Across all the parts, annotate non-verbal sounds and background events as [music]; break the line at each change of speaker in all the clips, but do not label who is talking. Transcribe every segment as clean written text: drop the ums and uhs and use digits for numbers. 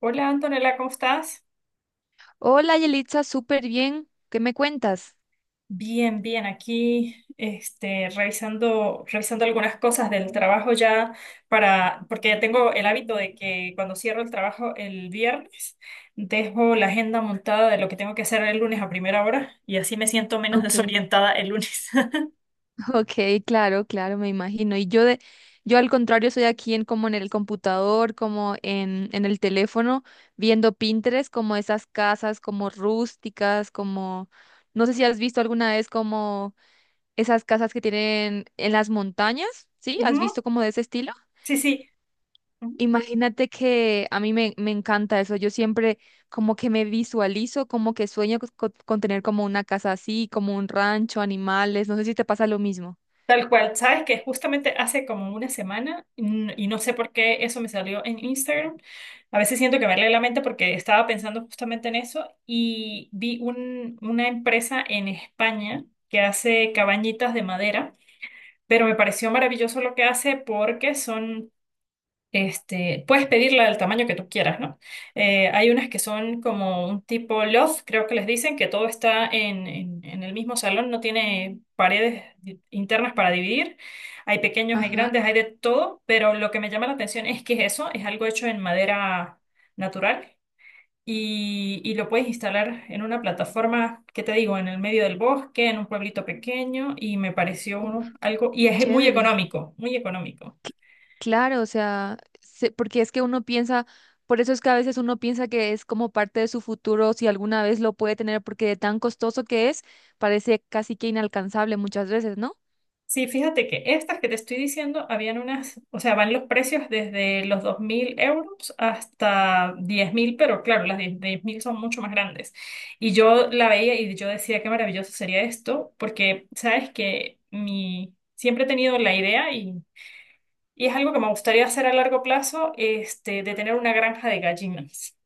Hola Antonella, ¿cómo estás?
Hola, Yelitza, súper bien. ¿Qué me cuentas?
Bien, bien, aquí revisando algunas cosas del trabajo ya porque ya tengo el hábito de que cuando cierro el trabajo el viernes, dejo la agenda montada de lo que tengo que hacer el lunes a primera hora y así me siento menos [laughs]
Ok.
desorientada el lunes.
[laughs] Ok, claro, claro, me imagino. Yo al contrario soy aquí en como en el computador, como en el teléfono, viendo Pinterest, como esas casas como rústicas, como, no sé si has visto alguna vez como esas casas que tienen en las montañas, ¿sí?
[laughs]
¿Has
Ujú,
visto como de ese estilo?
sí, sí.
Imagínate que a me encanta eso. Yo siempre como que me visualizo, como que sueño tener como una casa así, como un rancho, animales. No sé si te pasa lo mismo.
Tal cual, sabes que justamente hace como una semana, y no sé por qué eso me salió en Instagram. A veces siento que me lee la mente porque estaba pensando justamente en eso y vi una empresa en España que hace cabañitas de madera, pero me pareció maravilloso lo que hace porque son, puedes pedirla del tamaño que tú quieras, ¿no? Hay unas que son como un tipo loft, creo que les dicen, que todo está en el mismo salón, no tiene paredes internas para dividir. Hay pequeños, hay
Ajá.
grandes, hay de todo, pero lo que me llama la atención es que eso es algo hecho en madera natural y lo puedes instalar en una plataforma, ¿qué te digo?, en el medio del bosque, en un pueblito pequeño y me
Uf,
pareció algo, y es muy
chévere.
económico, muy económico.
Cl- Claro, o sea, porque es que uno piensa, por eso es que a veces uno piensa que es como parte de su futuro, si alguna vez lo puede tener, porque de tan costoso que es, parece casi que inalcanzable muchas veces, ¿no?
Sí, fíjate que estas que te estoy diciendo habían unas, o sea, van los precios desde los 2.000 euros hasta diez mil, pero claro, las 10 10.000 son mucho más grandes. Y yo la veía y yo decía qué maravilloso sería esto, porque sabes que mi, siempre he tenido la idea y es algo que me gustaría hacer a largo plazo, de tener una granja de gallinas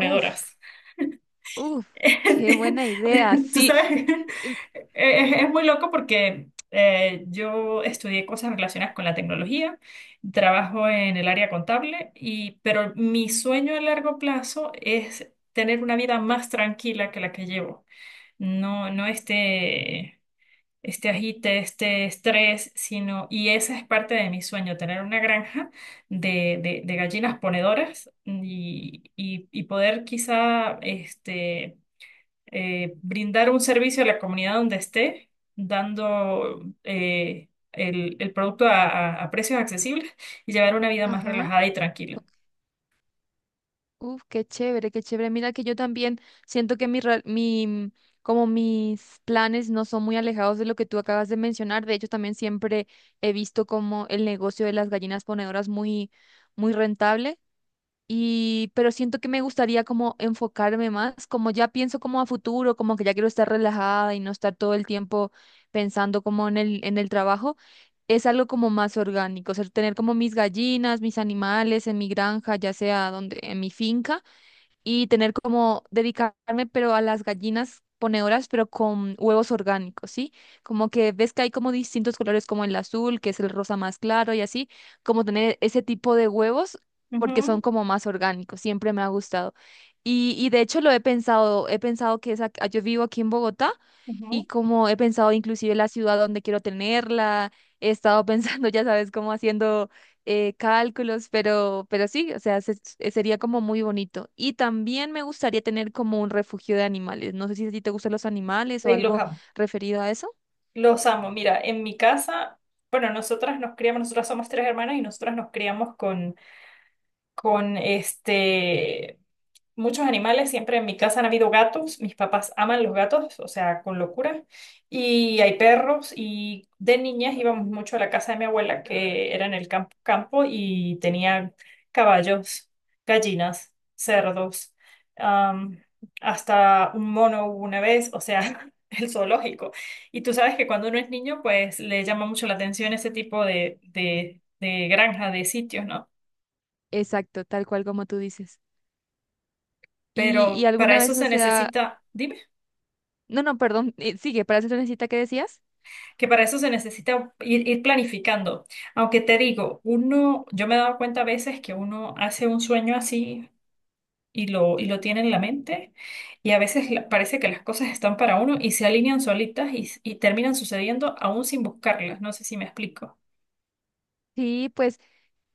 Uf, uf, qué
[laughs]
buena idea.
Tú
Sí.
sabes, [laughs] es muy loco porque yo estudié cosas relacionadas con la tecnología, trabajo en el área contable pero mi sueño a largo plazo es tener una vida más tranquila que la que llevo. No, no, este agite, este estrés, sino, y esa es parte de mi sueño, tener una granja de gallinas ponedoras y poder quizá, brindar un servicio a la comunidad donde esté, dando, el producto a precios accesibles y llevar una vida más
Ajá.
relajada y tranquila.
Uf, qué chévere, qué chévere. Mira que yo también siento que como mis planes no son muy alejados de lo que tú acabas de mencionar. De hecho, también siempre he visto como el negocio de las gallinas ponedoras muy, muy rentable. Y pero siento que me gustaría como enfocarme más, como ya pienso como a futuro, como que ya quiero estar relajada y no estar todo el tiempo pensando como en el trabajo, es algo como más orgánico, o sea, tener como mis gallinas, mis animales en mi granja, ya sea donde, en mi finca, y tener como dedicarme, pero a las gallinas ponedoras, pero con huevos orgánicos, ¿sí? Como que ves que hay como distintos colores, como el azul, que es el rosa más claro y así, como tener ese tipo de huevos porque
Ujú,
son como más orgánicos, siempre me ha gustado. Y de hecho lo he pensado que yo vivo aquí en Bogotá y
ujú.
como he pensado inclusive la ciudad donde quiero tenerla, he estado pensando, [laughs] ya sabes, como haciendo cálculos, pero sí, o sea, sería como muy bonito. Y también me gustaría tener como un refugio de animales. No sé si a ti te gustan los animales o
Ay, los
algo
amo.
referido a eso.
Los amo. Mira, en mi casa, bueno, nosotras nos criamos, nosotras somos tres hermanas y nosotras nos criamos con muchos animales. Siempre en mi casa han habido gatos, mis papás aman los gatos, o sea, con locura, y hay perros, y de niñas íbamos mucho a la casa de mi abuela, que era en el campo, y tenía caballos, gallinas, cerdos, am, hasta un mono hubo una vez, o sea, [laughs] el zoológico. Y tú sabes que cuando uno es niño, pues le llama mucho la atención ese tipo de granja, de sitios, ¿no?
Exacto, tal cual como tú dices. Y
Pero para
alguna
eso
vez, o
se
sea,
necesita, dime.
no, no, perdón, sigue, para eso necesita que decías.
Que para eso se necesita ir, planificando. Aunque te digo, uno, yo me he dado cuenta a veces que uno hace un sueño así y lo tiene en la mente y a veces parece que las cosas están para uno y se alinean solitas y terminan sucediendo aún sin buscarlas. No sé si me explico.
Sí, pues.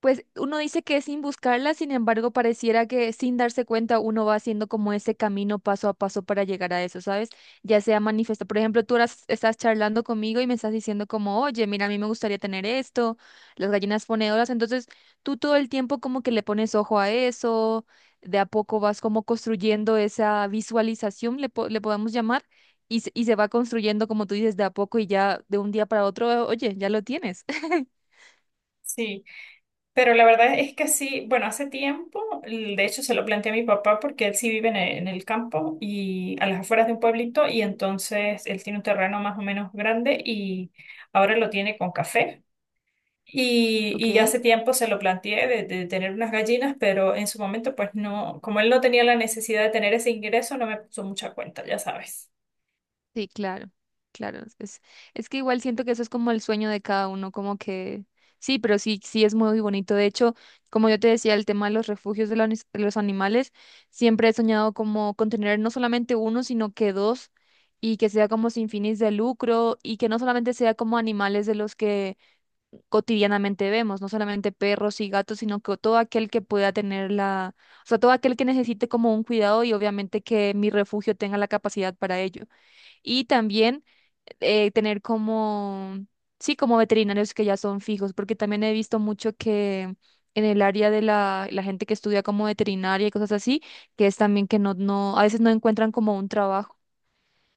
Pues uno dice que es sin buscarla, sin embargo, pareciera que sin darse cuenta uno va haciendo como ese camino paso a paso para llegar a eso, ¿sabes? Ya sea manifiesto. Por ejemplo, tú ahora estás charlando conmigo y me estás diciendo como, oye, mira, a mí me gustaría tener esto, las gallinas ponedoras. Entonces, tú todo el tiempo como que le pones ojo a eso, de a poco vas como construyendo esa visualización, le podemos llamar, y, y se va construyendo, como tú dices, de a poco y ya de un día para otro, oye, ya lo tienes. [laughs]
Sí, pero la verdad es que sí, bueno, hace tiempo, de hecho se lo planteé a mi papá porque él sí vive en el campo y a las afueras de un pueblito y entonces él tiene un terreno más o menos grande y ahora lo tiene con café. Y
¿Ok?
hace tiempo se lo planteé de tener unas gallinas, pero en su momento, pues no, como él no tenía la necesidad de tener ese ingreso, no me puso mucha cuenta, ya sabes.
Sí, claro, claro. Es que igual siento que eso es como el sueño de cada uno, como que sí, pero sí, sí es muy bonito. De hecho, como yo te decía, el tema de los refugios de de los animales, siempre he soñado como con tener no solamente uno, sino que dos, y que sea como sin fines de lucro, y que no solamente sea como animales de los que cotidianamente vemos, no solamente perros y gatos, sino que todo aquel que pueda tener la, o sea, todo aquel que necesite como un cuidado y obviamente que mi refugio tenga la capacidad para ello y también tener como, sí, como veterinarios que ya son fijos, porque también he visto mucho que en el área de la gente que estudia como veterinaria y cosas así, que es también que a veces no encuentran como un trabajo.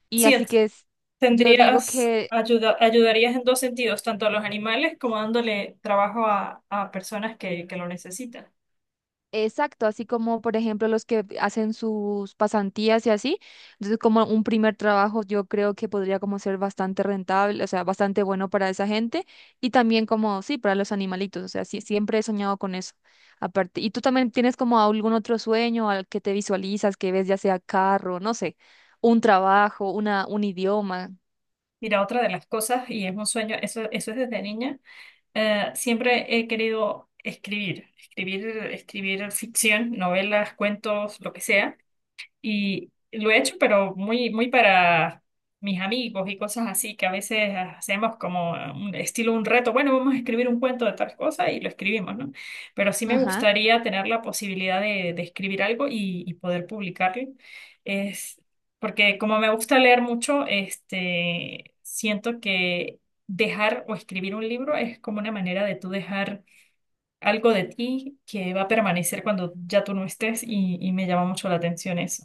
Y
Sí,
así que es, yo digo
tendrías,
que.
ayudarías en dos sentidos, tanto a los animales como dándole trabajo a personas que lo necesitan.
Exacto, así como por ejemplo los que hacen sus pasantías y así. Entonces, como un primer trabajo, yo creo que podría como ser bastante rentable, o sea, bastante bueno para esa gente y también como, sí, para los animalitos, o sea, sí, siempre he soñado con eso. Aparte, ¿y tú también tienes como algún otro sueño al que te visualizas, que ves ya sea carro, no sé, un trabajo, una, un idioma?
Mira, otra de las cosas, y es un sueño, eso es desde niña, siempre he querido escribir, escribir, escribir ficción, novelas, cuentos, lo que sea. Y lo he hecho, pero muy, muy para mis amigos y cosas así, que a veces hacemos como un estilo un reto, bueno, vamos a escribir un cuento de tal cosa y lo escribimos, ¿no? Pero sí me
Ajá.
gustaría tener la posibilidad de escribir algo y poder publicarlo. Es porque como me gusta leer mucho, siento que dejar o escribir un libro es como una manera de tú dejar algo de ti que va a permanecer cuando ya tú no estés y me llama mucho la atención eso.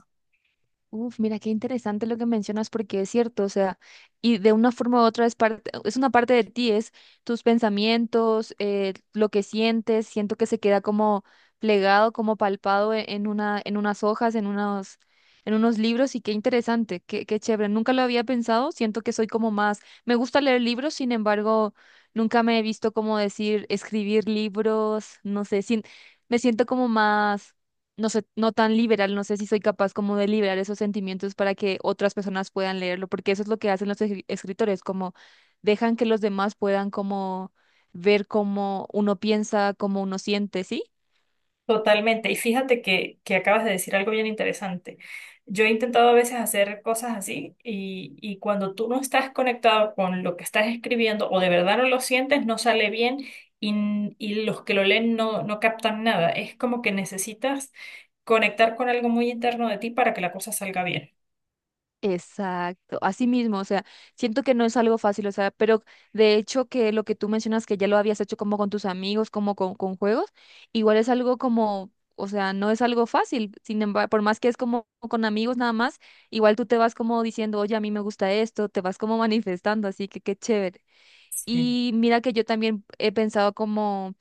Uf, mira qué interesante lo que mencionas porque es cierto, o sea, y de una forma u otra es parte, es una parte de ti, es tus pensamientos, lo que sientes, siento que se queda como plegado, como palpado en unas hojas, en unos libros y qué interesante, qué chévere. Nunca lo había pensado, siento que soy como más, me gusta leer libros, sin embargo, nunca me he visto como decir escribir libros, no sé, sin, me siento como más, no sé, no tan liberal, no sé si soy capaz como de liberar esos sentimientos para que otras personas puedan leerlo, porque eso es lo que hacen los escritores, como dejan que los demás puedan como ver cómo uno piensa, cómo uno siente, ¿sí?
Totalmente. Y fíjate que acabas de decir algo bien interesante. Yo he intentado a veces hacer cosas así y cuando tú no estás conectado con lo que estás escribiendo o de verdad no lo sientes, no sale bien y los que lo leen no, no captan nada. Es como que necesitas conectar con algo muy interno de ti para que la cosa salga bien.
Exacto, así mismo, o sea, siento que no es algo fácil, o sea, pero de hecho que lo que tú mencionas que ya lo habías hecho como con tus amigos, como con juegos, igual es algo como, o sea, no es algo fácil, sin embargo, por más que es como con amigos nada más, igual tú te vas como diciendo, oye, a mí me gusta esto, te vas como [laughs] manifestando, así que qué chévere.
Sí.
Y mira que yo también he pensado como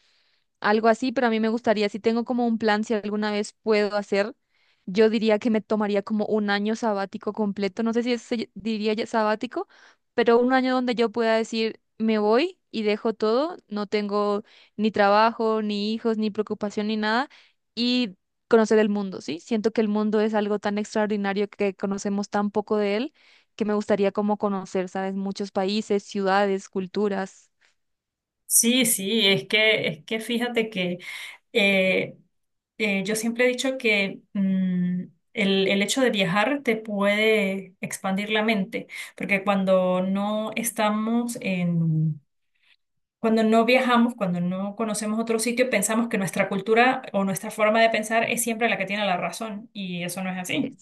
algo así, pero a mí me gustaría, si tengo como un plan, si alguna vez puedo hacer, yo diría que me tomaría como un año sabático completo, no sé si diría ya sabático, pero un año donde yo pueda decir, me voy y dejo todo, no tengo ni trabajo, ni hijos, ni preocupación, ni nada, y conocer el mundo, ¿sí? Siento que el mundo es algo tan extraordinario que conocemos tan poco de él, que me gustaría como conocer, ¿sabes? Muchos países, ciudades, culturas.
Sí, sí, es que fíjate que, eh, yo siempre he dicho que, el hecho de viajar te puede expandir la mente, porque cuando no estamos cuando no viajamos, cuando no conocemos otro sitio, pensamos que nuestra cultura o nuestra forma de pensar es siempre la que tiene la razón, y eso no es así.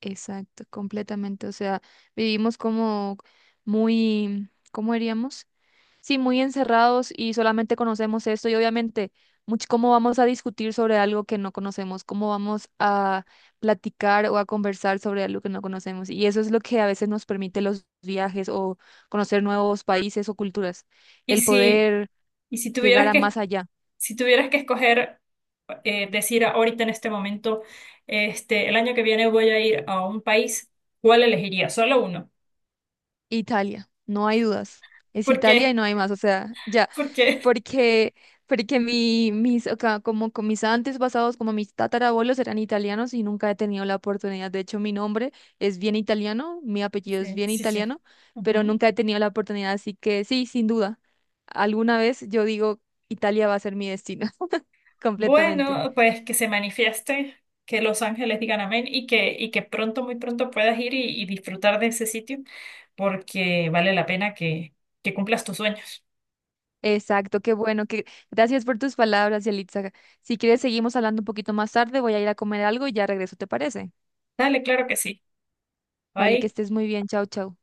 Exacto, completamente. O sea, vivimos como muy, ¿cómo diríamos? Sí, muy encerrados y solamente conocemos esto y obviamente, ¿cómo vamos a discutir sobre algo que no conocemos? ¿Cómo vamos a platicar o a conversar sobre algo que no conocemos? Y eso es lo que a veces nos permite los viajes o conocer nuevos países o culturas,
Y
el
si,
poder
y si
llegar
tuvieras
a
que
más allá.
Si tuvieras que escoger, decir ahorita en este momento, el año que viene voy a ir a un país, ¿cuál elegiría? Solo uno.
Italia, no hay dudas. Es
¿Por
Italia y
qué?
no hay más, o sea,
[laughs]
ya,
¿Por qué?
porque, porque mi, mis, o ca- como con mis antepasados, como mis tatarabuelos eran italianos y nunca he tenido la oportunidad. De hecho, mi nombre es bien italiano, mi apellido es
Sí,
bien
sí, sí.
italiano, pero
Ujú.
nunca he tenido la oportunidad, así que sí, sin duda, alguna vez yo digo, Italia va a ser mi destino, [laughs] completamente.
Bueno, pues que se manifieste, que los ángeles digan amén y que pronto, muy pronto puedas ir y disfrutar de ese sitio, porque vale la pena que cumplas tus sueños.
Exacto, qué bueno, que gracias por tus palabras, Yalitza. Si quieres, seguimos hablando un poquito más tarde, voy a ir a comer algo y ya regreso, ¿te parece?
Dale, claro que sí.
Vale, que
Bye.
estés muy bien. Chao, chao.